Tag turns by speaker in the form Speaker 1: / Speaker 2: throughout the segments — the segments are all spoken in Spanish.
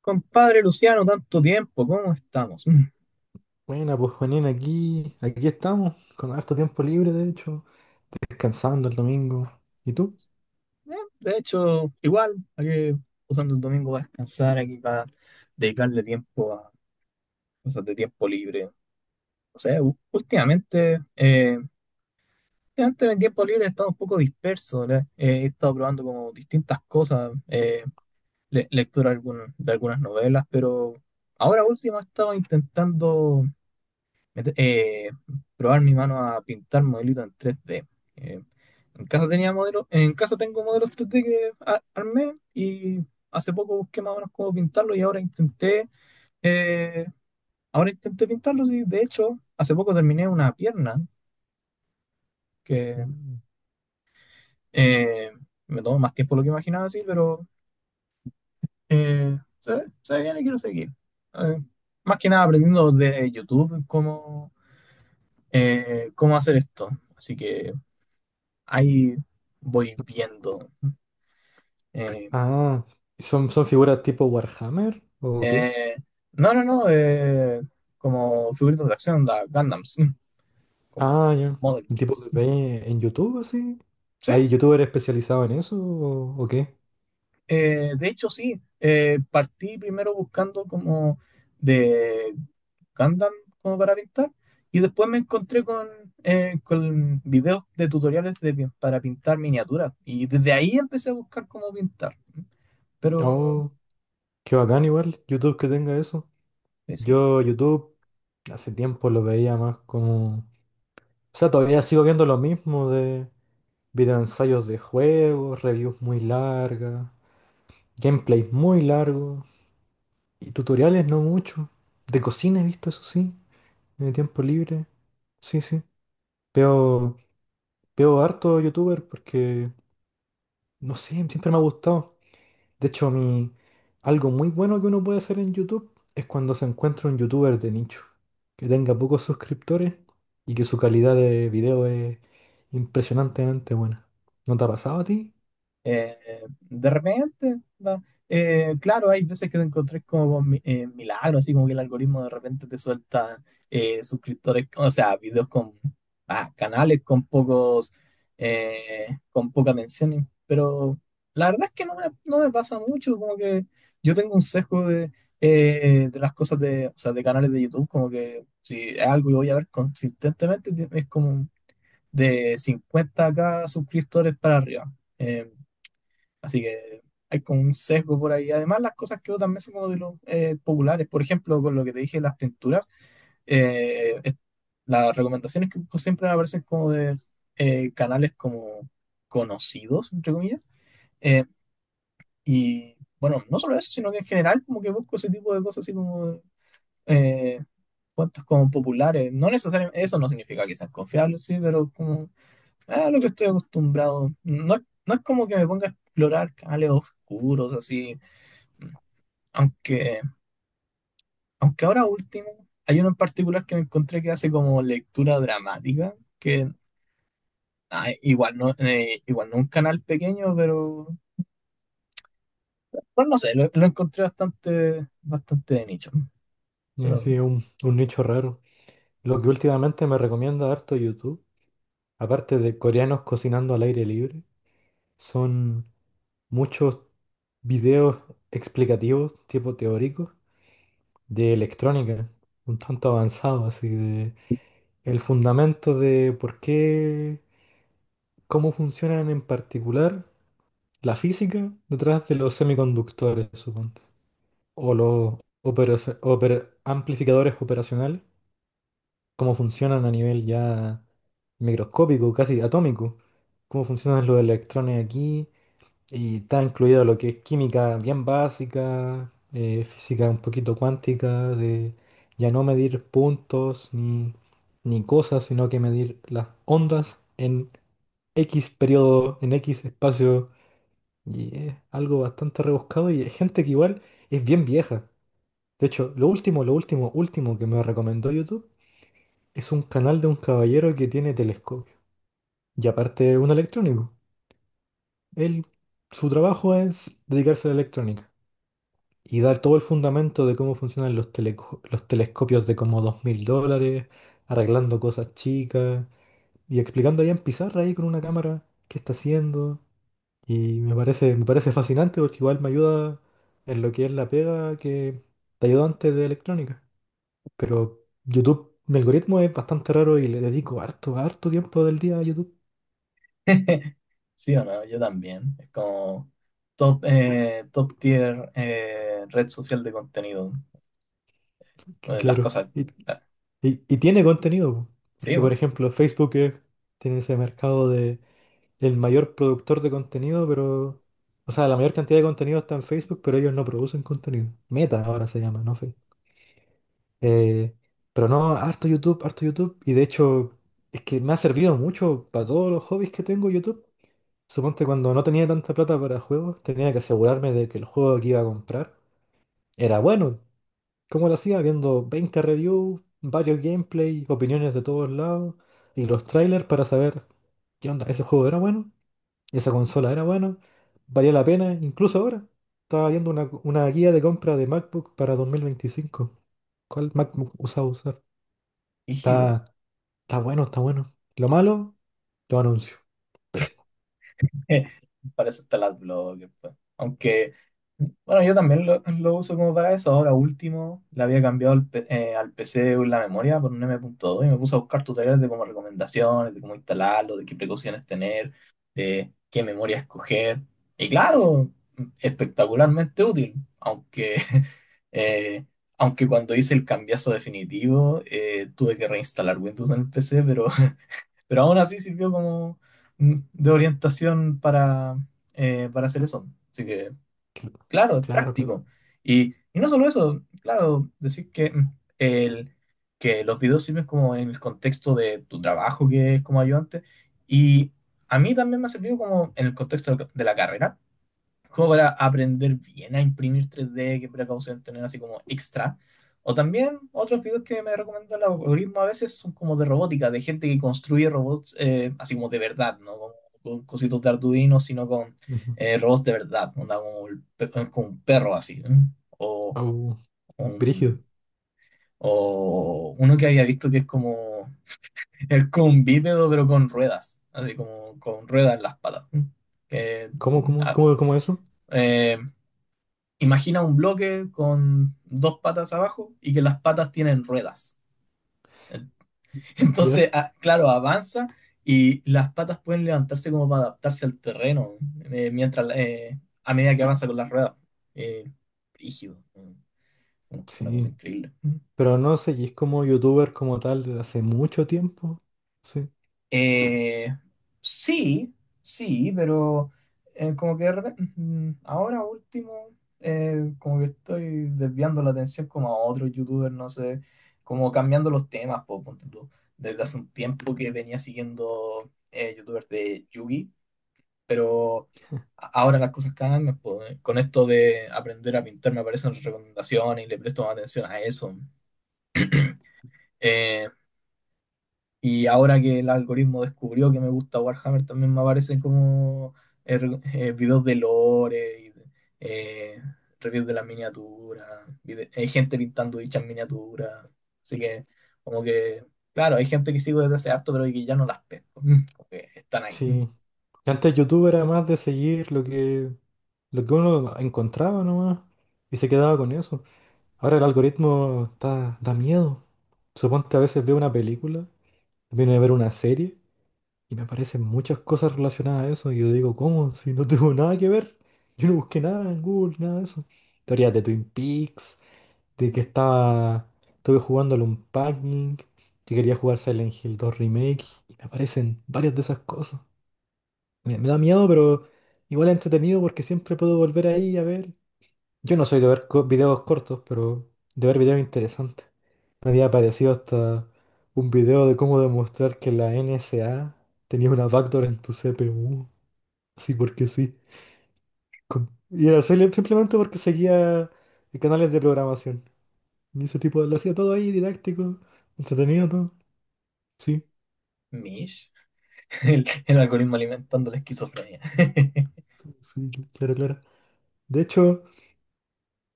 Speaker 1: Compadre Luciano, tanto tiempo, ¿cómo estamos?
Speaker 2: Buena pues Juanín, aquí estamos, con harto tiempo libre, de hecho, descansando el domingo. ¿Y tú?
Speaker 1: Eh, de hecho, igual, hay que usando el domingo para descansar, aquí para dedicarle tiempo a cosas de tiempo libre. O sea, últimamente, últimamente en el tiempo libre he estado un poco disperso, ¿verdad? He estado probando como distintas cosas, lectura de, de algunas novelas, pero ahora último he estado intentando mete- eh, probar mi mano a pintar modelitos en 3D. Eh, en casa tenía modelos, en casa tengo modelos 3D que armé, y hace poco busqué más o menos cómo pintarlos y ahora intenté, eh, ahora intenté pintarlos, y de hecho hace poco terminé una pierna que
Speaker 2: Mm.
Speaker 1: eh, me tomó más tiempo de lo que imaginaba así, pero se ve bien y quiero seguir. Eh, Más que nada aprendiendo de YouTube cómo, cómo hacer esto. Así que ahí voy viendo. Eh,
Speaker 2: Ah, ¿son figuras tipo Warhammer o qué?
Speaker 1: eh, no, no, no, como figuritas de acción, da Gundams, como
Speaker 2: Ah, ya.
Speaker 1: model
Speaker 2: ¿Tipo que
Speaker 1: kits.
Speaker 2: veis en YouTube así?
Speaker 1: Sí,
Speaker 2: ¿Hay youtuber especializado en eso o qué?
Speaker 1: de hecho sí, partí primero buscando como de Gundam como para pintar y después me encontré con videos de tutoriales de para pintar miniaturas, y desde ahí empecé a buscar cómo pintar. Pero
Speaker 2: Oh, qué bacán igual, YouTube que tenga eso.
Speaker 1: sí.
Speaker 2: Yo YouTube hace tiempo lo veía más como... O sea, todavía sigo viendo lo mismo de videoensayos de juegos, reviews muy largas. Gameplay muy largo. Y tutoriales no mucho. De cocina he visto, eso sí. En el tiempo libre. Sí, sí. Veo, veo harto youtuber porque, no sé, siempre me ha gustado. De hecho, algo muy bueno que uno puede hacer en YouTube es cuando se encuentra un youtuber de nicho, que tenga pocos suscriptores y que su calidad de video es impresionantemente buena. ¿No te ha pasado a ti?
Speaker 1: Eh, de repente, ¿no? Claro, hay veces que te encontrás como con milagros, así como que el algoritmo de repente te suelta suscriptores, o sea, videos con canales con pocos, con pocas menciones, pero la verdad es que no me pasa mucho, como que yo tengo un sesgo de las cosas de, o sea, de canales de YouTube, como que si es algo que voy a ver consistentemente, es como de 50K suscriptores para arriba. eh, Así que hay como un sesgo por ahí. Además, las cosas que también son como de los populares. Por ejemplo, con lo que te dije, las pinturas, eh, es- las recomendaciones que busco siempre me aparecen como de canales como conocidos, entre comillas. Eh, y bueno, no solo eso, sino que en general como que busco ese tipo de cosas así como eh, cuentos como populares. No necesariamente, eso no significa que sean confiables, sí, pero como lo que estoy acostumbrado. No, no es como que me ponga a explorar canales oscuros, así. Aunque, aunque ahora último, hay uno en particular que me encontré que hace como lectura dramática, que igual no un canal pequeño, pero pues no sé, lo encontré bastante, bastante de nicho. Pero
Speaker 2: Sí, un nicho raro. Lo que últimamente me recomienda harto YouTube, aparte de coreanos cocinando al aire libre, son muchos videos explicativos, tipo teóricos, de electrónica, un tanto avanzado, así de el fundamento de por qué, cómo funcionan en particular la física detrás de los semiconductores, suponte, o los amplificadores operacionales, cómo funcionan a nivel ya microscópico, casi atómico, cómo funcionan los electrones aquí. Y está incluido lo que es química bien básica, física un poquito cuántica, de ya no medir puntos ni cosas, sino que medir las ondas en X periodo, en X espacio. Y es algo bastante rebuscado y es gente que igual es bien vieja. De hecho, último que me recomendó YouTube es un canal de un caballero que tiene telescopio. Y aparte un electrónico. Él, su trabajo es dedicarse a la electrónica, y dar todo el fundamento de cómo funcionan los los telescopios de como $2000, arreglando cosas chicas y explicando ahí en pizarra ahí con una cámara qué está haciendo. Y me parece fascinante porque igual me ayuda en lo que es la pega, que te ayuda antes de electrónica. Pero YouTube, mi algoritmo es bastante raro y le dedico harto tiempo del día a YouTube.
Speaker 1: sí o no, yo también. Es como top, top tier red social de contenido.
Speaker 2: Que
Speaker 1: Eh, Las
Speaker 2: claro,
Speaker 1: cosas. ah,
Speaker 2: y tiene contenido, po.
Speaker 1: Sí,
Speaker 2: Porque por
Speaker 1: bueno,
Speaker 2: ejemplo tiene ese mercado, el mayor productor de contenido, pero... O sea, la mayor cantidad de contenido está en Facebook, pero ellos no producen contenido. Meta ahora se llama, no Facebook. Eh, pero no, harto YouTube, harto YouTube. Y de hecho, es que me ha servido mucho para todos los hobbies que tengo YouTube. Suponte cuando no tenía tanta plata para juegos, tenía que asegurarme de que el juego que iba a comprar era bueno. ¿Cómo lo hacía? Viendo 20 reviews, varios gameplays, opiniones de todos lados y los trailers para saber qué onda, ese juego era bueno. Y esa consola era buena, valía la pena, incluso ahora. Estaba viendo una guía de compra de MacBook para 2025. ¿Cuál MacBook usaba usar?
Speaker 1: rígido.
Speaker 2: Está, está bueno, está bueno. Lo malo, lo anuncio. Pésimo.
Speaker 1: Para eso está el adblocker, pues. Aunque, bueno, yo también lo uso como para eso. Ahora último, le había cambiado al PC la memoria por un M.2, y me puse a buscar tutoriales de como recomendaciones, de cómo instalarlo, de qué precauciones tener, de qué memoria escoger. Y claro, espectacularmente útil, aunque eh, aunque cuando hice el cambiazo definitivo, tuve que reinstalar Windows en el PC, pero aún así sirvió como de orientación para hacer eso. Así que,
Speaker 2: Cl-
Speaker 1: claro, es
Speaker 2: Claro, claro.
Speaker 1: práctico. Y no solo eso, claro, decir que, que los videos sirven como en el contexto de tu trabajo, que es como ayudante. Y a mí también me ha servido como en el contexto de la carrera como para aprender bien a imprimir 3D, qué precaución tener así como extra. O también otros videos que me recomienda el algoritmo a veces son como de robótica, de gente que construye robots así como de verdad, ¿no? Con cositos de Arduino, sino con
Speaker 2: Ujú.
Speaker 1: robots de verdad, ¿no? Onda como, el como un perro así, ¿eh? O,
Speaker 2: Au,
Speaker 1: un-
Speaker 2: brígido.
Speaker 1: o uno que había visto que es como un bípedo pero con ruedas, así como con ruedas en las patas, ¿eh? Que,
Speaker 2: ¿Cómo, cómo,
Speaker 1: ah,
Speaker 2: cómo, cómo eso?
Speaker 1: eh, Imagina un bloque con dos patas abajo y que las patas tienen ruedas. Entonces,
Speaker 2: Ya.
Speaker 1: claro, avanza y las patas pueden levantarse como para adaptarse al terreno mientras a medida que avanza con las ruedas. Eh, Rígido, una cosa
Speaker 2: Sí.
Speaker 1: increíble.
Speaker 2: Pero no seguís como youtuber como tal desde hace mucho tiempo. Sí.
Speaker 1: Eh, sí, sí, pero como que de repente, ahora último, como que estoy desviando la atención como a otros youtubers, no sé, como cambiando los temas, po, ponte tú. Desde hace un tiempo que venía siguiendo youtubers de Yugi, pero ahora las cosas cambian, po. Con esto de aprender a pintar me aparecen recomendaciones y le presto más atención a eso. Eh, y ahora que el algoritmo descubrió que me gusta Warhammer, también me aparecen como videos de lore, y eh, reviews de las miniaturas, hay gente pintando dichas miniaturas. Así que, como que, claro, hay gente que sigo desde hace harto, pero que ya no las pesco. Como que están ahí.
Speaker 2: Sí. Antes youtuber era más de seguir lo que uno encontraba nomás y se quedaba con eso. Ahora el algoritmo da miedo. Suponte a veces veo una película, viene a ver una serie y me aparecen muchas cosas relacionadas a eso y yo digo, ¿cómo? Si no tengo nada que ver. Yo no busqué nada en Google, nada de eso. Teorías de Twin Peaks, de que estaba, estuve jugando al Unpacking, que quería jugar Silent Hill 2 Remake, y me aparecen varias de esas cosas. Me da miedo, pero igual es entretenido porque siempre puedo volver ahí a ver. Yo no soy de ver videos cortos, pero de ver videos interesantes. Me había aparecido hasta un video de cómo demostrar que la NSA tenía una backdoor en tu CPU. Así porque sí. Simplemente porque seguía canales de programación. Y ese tipo lo hacía todo ahí, didáctico, entretenido, todo. Sí,
Speaker 1: Mish. El algoritmo alimentando la esquizofrenia.
Speaker 2: sí, sí, claro, claro. De hecho,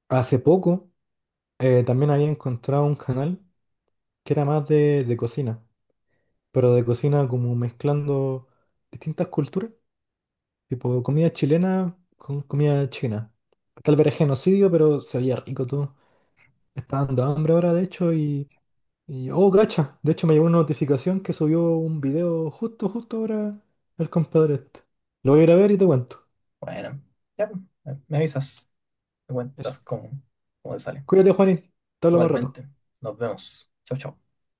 Speaker 2: hace poco también había encontrado un canal que era más de cocina, pero de cocina como mezclando distintas culturas. Tipo, comida chilena con comida china. Tal vez era genocidio, pero se veía rico todo. Me está dando hambre ahora, de hecho, Oh, gacha. De hecho, me llegó una notificación que subió un video justo ahora el compadre este. Lo voy a ir a ver y te cuento.
Speaker 1: Bueno, ya, pues, me avisas, me
Speaker 2: Eso.
Speaker 1: cuentas cómo, cómo te sale.
Speaker 2: Cuídate, Juanín. Te hablo más rato.
Speaker 1: Igualmente, nos vemos. Chau, chau.